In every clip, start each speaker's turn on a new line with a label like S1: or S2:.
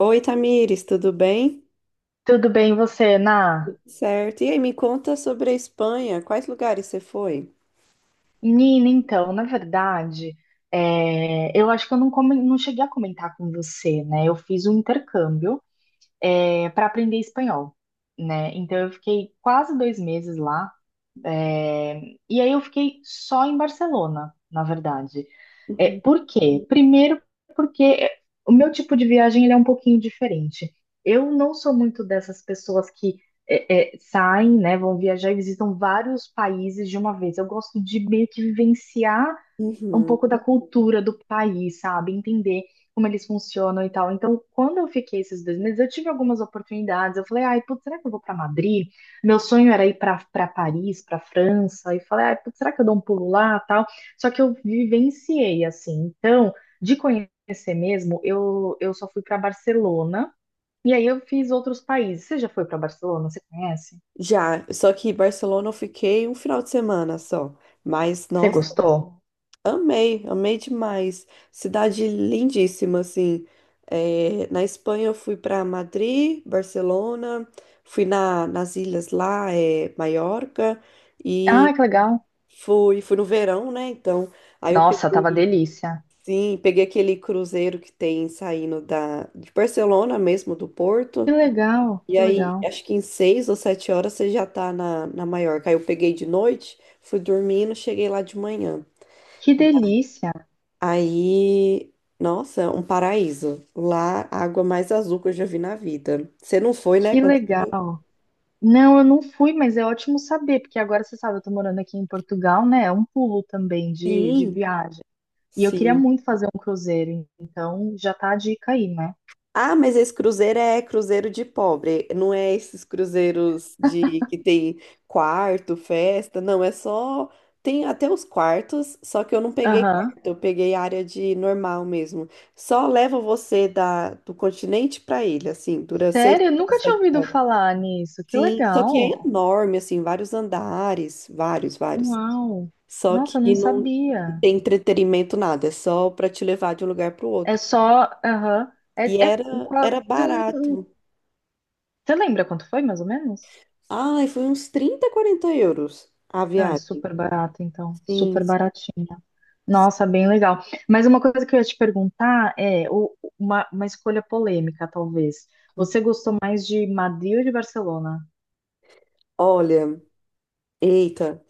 S1: Oi, Tamires, tudo bem?
S2: Tudo bem, você, Na?
S1: Certo. E aí, me conta sobre a Espanha. Quais lugares você foi?
S2: Nina, então, na verdade, eu acho que eu não, não cheguei a comentar com você, né? Eu fiz um intercâmbio, para aprender espanhol, né? Então, eu fiquei quase 2 meses lá. É, e aí eu fiquei só em Barcelona, na verdade.
S1: Uhum.
S2: Por quê? Primeiro, porque o meu tipo de viagem ele é um pouquinho diferente. Eu não sou muito dessas pessoas que saem, né, vão viajar e visitam vários países de uma vez. Eu gosto de meio que vivenciar um
S1: Uhum.
S2: pouco da cultura do país, sabe? Entender como eles funcionam e tal. Então, quando eu fiquei esses 2 meses, eu tive algumas oportunidades. Eu falei, ai, putz, será que eu vou para Madrid? Meu sonho era ir para Paris, para França. E falei, ai, putz, será que eu dou um pulo lá, tal? Só que eu vivenciei assim. Então, de conhecer mesmo, eu só fui para Barcelona. E aí eu fiz outros países. Você já foi para Barcelona? Você conhece?
S1: Já, só que em Barcelona eu fiquei um final de semana só. Mas,
S2: Você
S1: nossa,
S2: gostou?
S1: amei, amei demais. Cidade lindíssima, assim. Na Espanha eu fui para Madrid, Barcelona, fui nas ilhas lá, Maiorca,
S2: Ah,
S1: e
S2: que legal.
S1: fui no verão, né? Então, aí eu
S2: Nossa, tava delícia.
S1: sim, peguei aquele cruzeiro que tem saindo de Barcelona mesmo, do
S2: Que
S1: Porto.
S2: legal,
S1: E
S2: que
S1: aí,
S2: legal.
S1: acho que em 6 ou 7 horas você já tá na Maiorca. Aí eu peguei de noite, fui dormindo, cheguei lá de manhã.
S2: Que delícia,
S1: Aí, nossa, um paraíso. Lá, a água mais azul que eu já vi na vida. Você não foi, né?
S2: que legal. Não, eu não fui, mas é ótimo saber, porque agora você sabe, eu tô morando aqui em Portugal, né? É um pulo também de
S1: Sim,
S2: viagem. E eu queria
S1: sim.
S2: muito fazer um cruzeiro, então já tá a dica aí, né?
S1: Ah, mas esse cruzeiro é cruzeiro de pobre, não é esses cruzeiros de que tem quarto, festa, não, é só tem até os quartos, só que eu não peguei
S2: Aham.
S1: quarto, eu peguei área de normal mesmo. Só leva você da do continente para ilha, assim, dura seis
S2: Sério? Eu
S1: horas,
S2: nunca tinha
S1: sete
S2: ouvido
S1: horas.
S2: falar nisso. Que
S1: Sim, só que é
S2: legal.
S1: enorme, assim, vários andares, vários, vários.
S2: Uau.
S1: Só
S2: Nossa, eu
S1: que
S2: não
S1: não
S2: sabia.
S1: tem entretenimento nada, é só para te levar de um lugar para o
S2: É
S1: outro.
S2: só. Aham.
S1: E
S2: É, é
S1: era
S2: quase
S1: era
S2: um.
S1: barato.
S2: Você lembra quanto foi, mais ou menos?
S1: Ai, foi uns 30, 40 euros a
S2: Ah, é
S1: viagem.
S2: super barata, então.
S1: Sim,
S2: Super
S1: sim.
S2: baratinha. Nossa, bem legal. Mas uma coisa que eu ia te perguntar é uma escolha polêmica, talvez. Você gostou mais de Madrid ou de Barcelona?
S1: Olha, eita.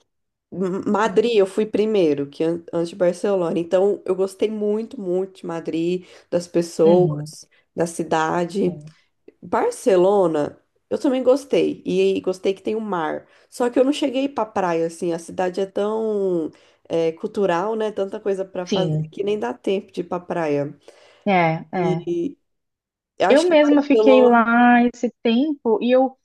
S1: Madrid, eu fui primeiro, que antes de Barcelona. Então, eu gostei muito, muito de Madrid, das
S2: Uhum,
S1: pessoas, da cidade.
S2: sim.
S1: Barcelona, eu também gostei. E gostei que tem o mar. Só que eu não cheguei pra praia, assim. A cidade é tão cultural, né? Tanta coisa pra fazer
S2: Sim,
S1: que nem dá tempo de ir pra praia.
S2: é, é.
S1: E eu
S2: Eu
S1: acho que
S2: mesma fiquei
S1: Barcelona,
S2: lá esse tempo e eu,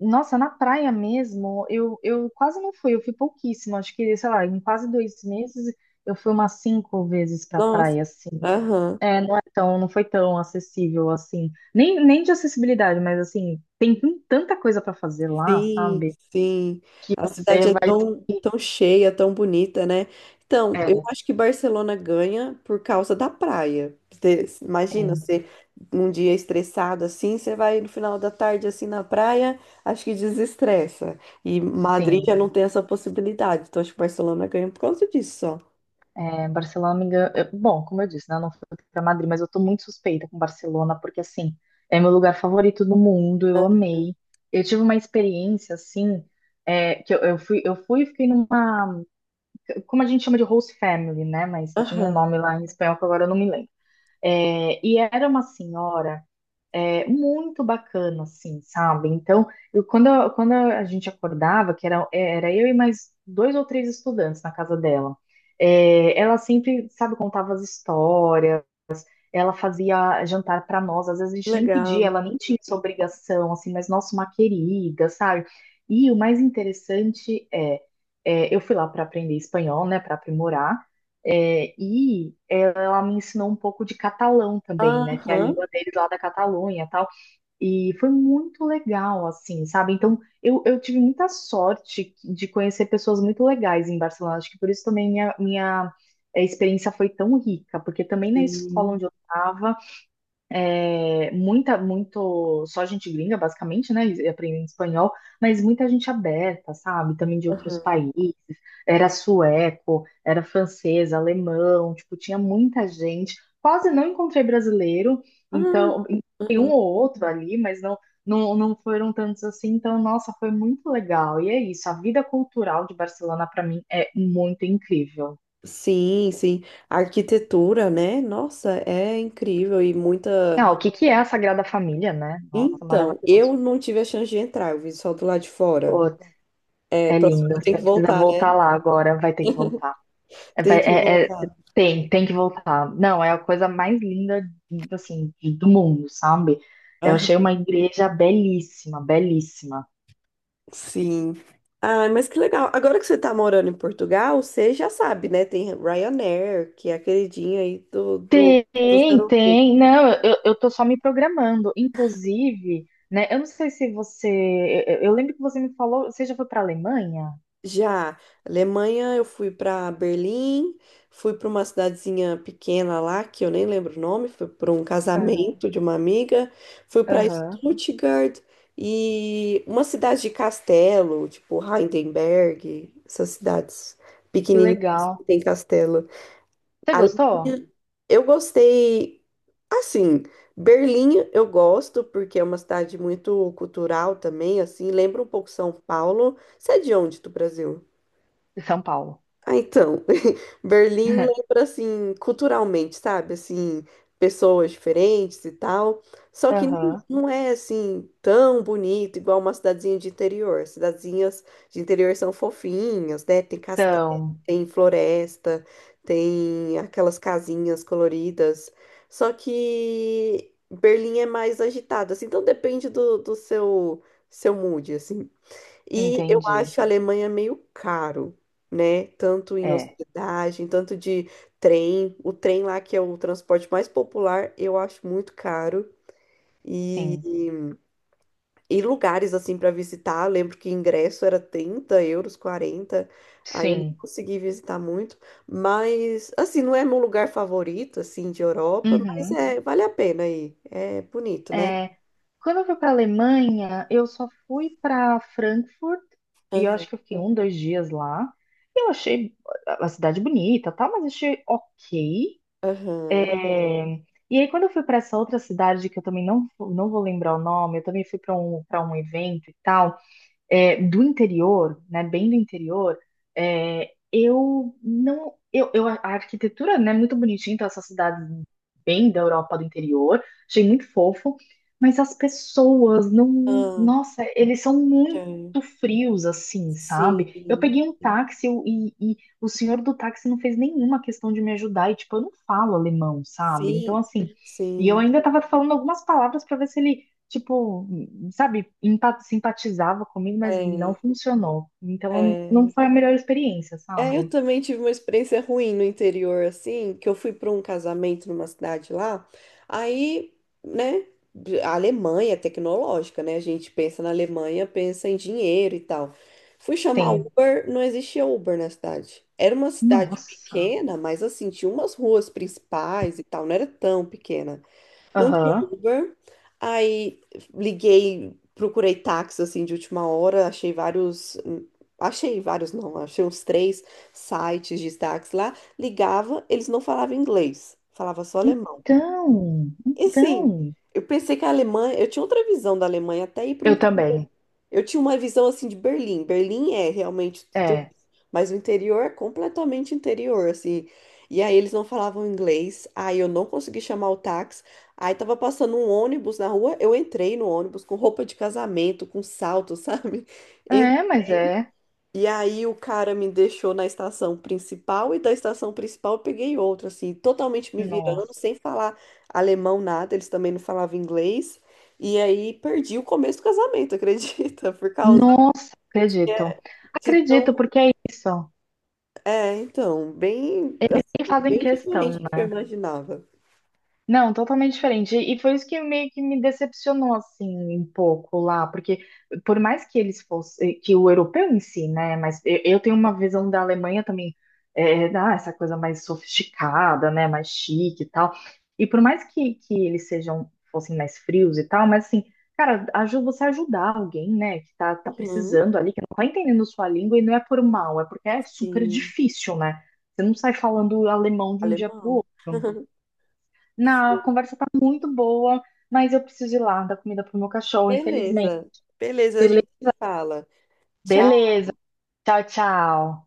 S2: nossa, na praia mesmo, eu quase não fui, eu fui pouquíssimo, acho que, sei lá, em quase 2 meses eu fui umas cinco vezes pra
S1: nossa.
S2: praia, assim.
S1: Aham.
S2: Não é tão, não foi tão acessível assim. Nem de acessibilidade, mas assim, tem tanta coisa para fazer lá,
S1: Sim,
S2: sabe?
S1: sim.
S2: Que
S1: A
S2: você
S1: cidade é
S2: vai.
S1: tão, tão cheia, tão bonita, né? Então, eu
S2: É,
S1: acho que Barcelona ganha por causa da praia. Imagina
S2: sim,
S1: você um dia estressado assim, você vai no final da tarde assim na praia, acho que desestressa. E Madrid
S2: sim.
S1: já não tem essa possibilidade. Então, acho que Barcelona ganha por causa disso, só.
S2: É, Barcelona, me engano, bom, como eu disse, né? Eu não fui para Madrid, mas eu tô muito suspeita com Barcelona, porque assim, é meu lugar favorito do mundo, eu amei. Eu tive uma experiência assim, que eu fui e fiquei numa. Como a gente chama de host family, né? Mas tinha um
S1: Aham,
S2: nome lá em espanhol que agora eu não me lembro. É, e era uma senhora. É, muito bacana, assim, sabe? Então, quando a gente acordava, que era eu e mais dois ou três estudantes na casa dela, ela sempre, sabe, contava as histórias, ela fazia jantar para nós, às vezes a
S1: que
S2: gente nem pedia,
S1: legal.
S2: ela nem tinha essa obrigação, assim, mas nossa, uma querida, sabe? E o mais interessante é, eu fui lá para aprender espanhol, né, para aprimorar, e ela me ensinou um pouco de catalão também, né, que é a
S1: Aham,
S2: língua deles lá da Catalunha, tal. E foi muito legal, assim, sabe? Então, eu tive muita sorte de conhecer pessoas muito legais em Barcelona. Acho que por isso também minha experiência foi tão rica, porque também na escola
S1: sim.
S2: onde eu estava muita, muito, só gente gringa, basicamente, né? e aprendendo espanhol, mas muita gente aberta, sabe? Também de outros
S1: Aham.
S2: países. Era sueco, era francês, alemão, tipo, tinha muita gente. Quase não encontrei brasileiro,
S1: Ah,
S2: então, tem um
S1: aham.
S2: ou outro ali, mas não foram tantos assim. Então, nossa, foi muito legal. E é isso, a vida cultural de Barcelona, para mim, é muito incrível.
S1: Sim, sim. A arquitetura, né? Nossa, é incrível e muita.
S2: Ah, o que que é a Sagrada Família, né? Nossa,
S1: Então, eu
S2: maravilhoso.
S1: não tive a chance de entrar, eu vi só do lado de fora.
S2: Pô,
S1: É,
S2: é
S1: próximo
S2: lindo.
S1: eu tenho
S2: Você
S1: que
S2: precisa
S1: voltar, né?
S2: voltar lá agora. Vai ter que voltar. É,
S1: Tem que voltar.
S2: tem que voltar. Não, é a coisa mais linda, assim, do mundo, sabe? Eu achei
S1: Aham.
S2: uma igreja belíssima, belíssima.
S1: Sim. Ah, mas que legal. Agora que você tá morando em Portugal, você já sabe, né? Tem Ryanair, que é a queridinha aí dos
S2: Tem,
S1: europeus.
S2: tem. Não, eu tô só me programando. Inclusive, né? Eu não sei se você. Eu lembro que você me falou. Você já foi pra Alemanha?
S1: Já, Alemanha, eu fui para Berlim, fui para uma cidadezinha pequena lá, que eu nem lembro o nome, foi para um
S2: Aham,
S1: casamento de uma amiga, fui para
S2: aham.
S1: Stuttgart e uma cidade de castelo, tipo Heidelberg, essas cidades
S2: Que
S1: pequenininhas que
S2: legal.
S1: tem castelo.
S2: Você gostou?
S1: Alemanha, eu gostei, assim, Berlim eu gosto porque é uma cidade muito cultural também, assim, lembra um pouco São Paulo. Você é de onde, do Brasil?
S2: De São Paulo.
S1: Ah, então, Berlim lembra assim, culturalmente, sabe? Assim, pessoas diferentes e tal. Só que não
S2: Aham.
S1: não é assim tão bonito igual uma cidadezinha de interior. Cidadezinhas de interior são fofinhas, né? Tem castelo,
S2: Então,
S1: tem floresta, tem aquelas casinhas coloridas. Só que Berlim é mais agitada, assim, então depende do seu mood, assim. E eu
S2: entendi.
S1: acho a Alemanha meio caro, né? Tanto em
S2: É.
S1: hospedagem, tanto de trem. O trem lá, que é o transporte mais popular, eu acho muito caro. E,
S2: Sim,
S1: e lugares assim para visitar, lembro que ingresso era 30 euros, 40. Aí eu nem
S2: sim.
S1: consegui visitar muito. Mas, assim, não é meu lugar favorito, assim, de Europa, mas
S2: Uhum.
S1: é, vale a pena aí. É bonito, né?
S2: É, Quando eu fui para a Alemanha, eu só fui para Frankfurt e eu
S1: Aham,
S2: acho que eu fiquei um, dois dias lá. Eu achei a cidade bonita, tá? Mas achei ok.
S1: aham.
S2: É, e aí quando eu fui para essa outra cidade que eu também não, não vou lembrar o nome, eu também fui para um evento e tal. Do interior, né, bem do interior, eu não, a arquitetura, né, é muito bonitinha, então essas cidades bem da Europa do interior, achei muito fofo, mas as pessoas não, não-
S1: Ah,
S2: nossa, eles são
S1: tá.
S2: muito frios assim, sabe? Eu
S1: Sim.
S2: peguei um táxi e o senhor do táxi não fez nenhuma questão de me ajudar, e tipo, eu não falo alemão, sabe? Então
S1: Sim,
S2: assim, e eu
S1: sim.
S2: ainda tava falando algumas palavras para ver se ele tipo, sabe, simpatizava comigo, mas não
S1: É,
S2: funcionou. Então não
S1: é.
S2: foi a melhor experiência,
S1: É, eu
S2: sabe?
S1: também tive uma experiência ruim no interior, assim, que eu fui para um casamento numa cidade lá. Aí, né, a Alemanha é tecnológica, né? A gente pensa na Alemanha, pensa em dinheiro e tal. Fui chamar
S2: Sim.
S1: Uber, não existia Uber na cidade. Era uma cidade
S2: Nossa.
S1: pequena, mas assim, tinha umas ruas principais e tal, não era tão pequena. Não tinha
S2: Aham.
S1: Uber. Aí liguei, procurei táxi assim de última hora, achei vários não, achei uns três sites de táxi lá, ligava, eles não falavam inglês, falava só alemão.
S2: Então,
S1: E assim,
S2: então.
S1: eu pensei que a Alemanha, eu tinha outra visão da Alemanha até ir pro
S2: Eu
S1: interior.
S2: também.
S1: Eu tinha uma visão assim de Berlim. Berlim é realmente,
S2: É.
S1: mas o interior é completamente interior, assim. E aí eles não falavam inglês, aí eu não consegui chamar o táxi. Aí tava passando um ônibus na rua, eu entrei no ônibus com roupa de casamento, com salto, sabe? E,
S2: É, mas é.
S1: e aí o cara me deixou na estação principal e da estação principal eu peguei outra, assim, totalmente me virando,
S2: Nossa.
S1: sem falar alemão nada, eles também não falavam inglês. E aí perdi o começo do casamento, acredita? Por causa
S2: Não acredito.
S1: de
S2: Acredito,
S1: tão.
S2: porque é isso.
S1: Então, bem,
S2: E
S1: assim,
S2: fazem
S1: bem diferente
S2: questão,
S1: do que eu
S2: né?
S1: imaginava.
S2: Não, totalmente diferente. E foi isso que meio que me decepcionou assim um pouco lá, porque por mais que eles fossem, que o europeu em si, né? Mas eu tenho uma visão da Alemanha também, essa coisa mais sofisticada, né? Mais chique e tal. E por mais que eles sejam fossem mais frios e tal, mas assim, cara, ajuda você ajudar alguém, né? Que tá, tá
S1: Uhum,
S2: precisando ali, que não tá entendendo sua língua e não é por mal, é porque é super
S1: sim,
S2: difícil, né? Você não sai falando alemão de um dia para o
S1: alemão.
S2: outro. Na, a conversa tá muito boa, mas eu preciso ir lá dar comida pro meu cachorro, infelizmente.
S1: Beleza, beleza, a
S2: Bele-
S1: gente se fala. Tchau.
S2: Beleza. Tchau, tchau.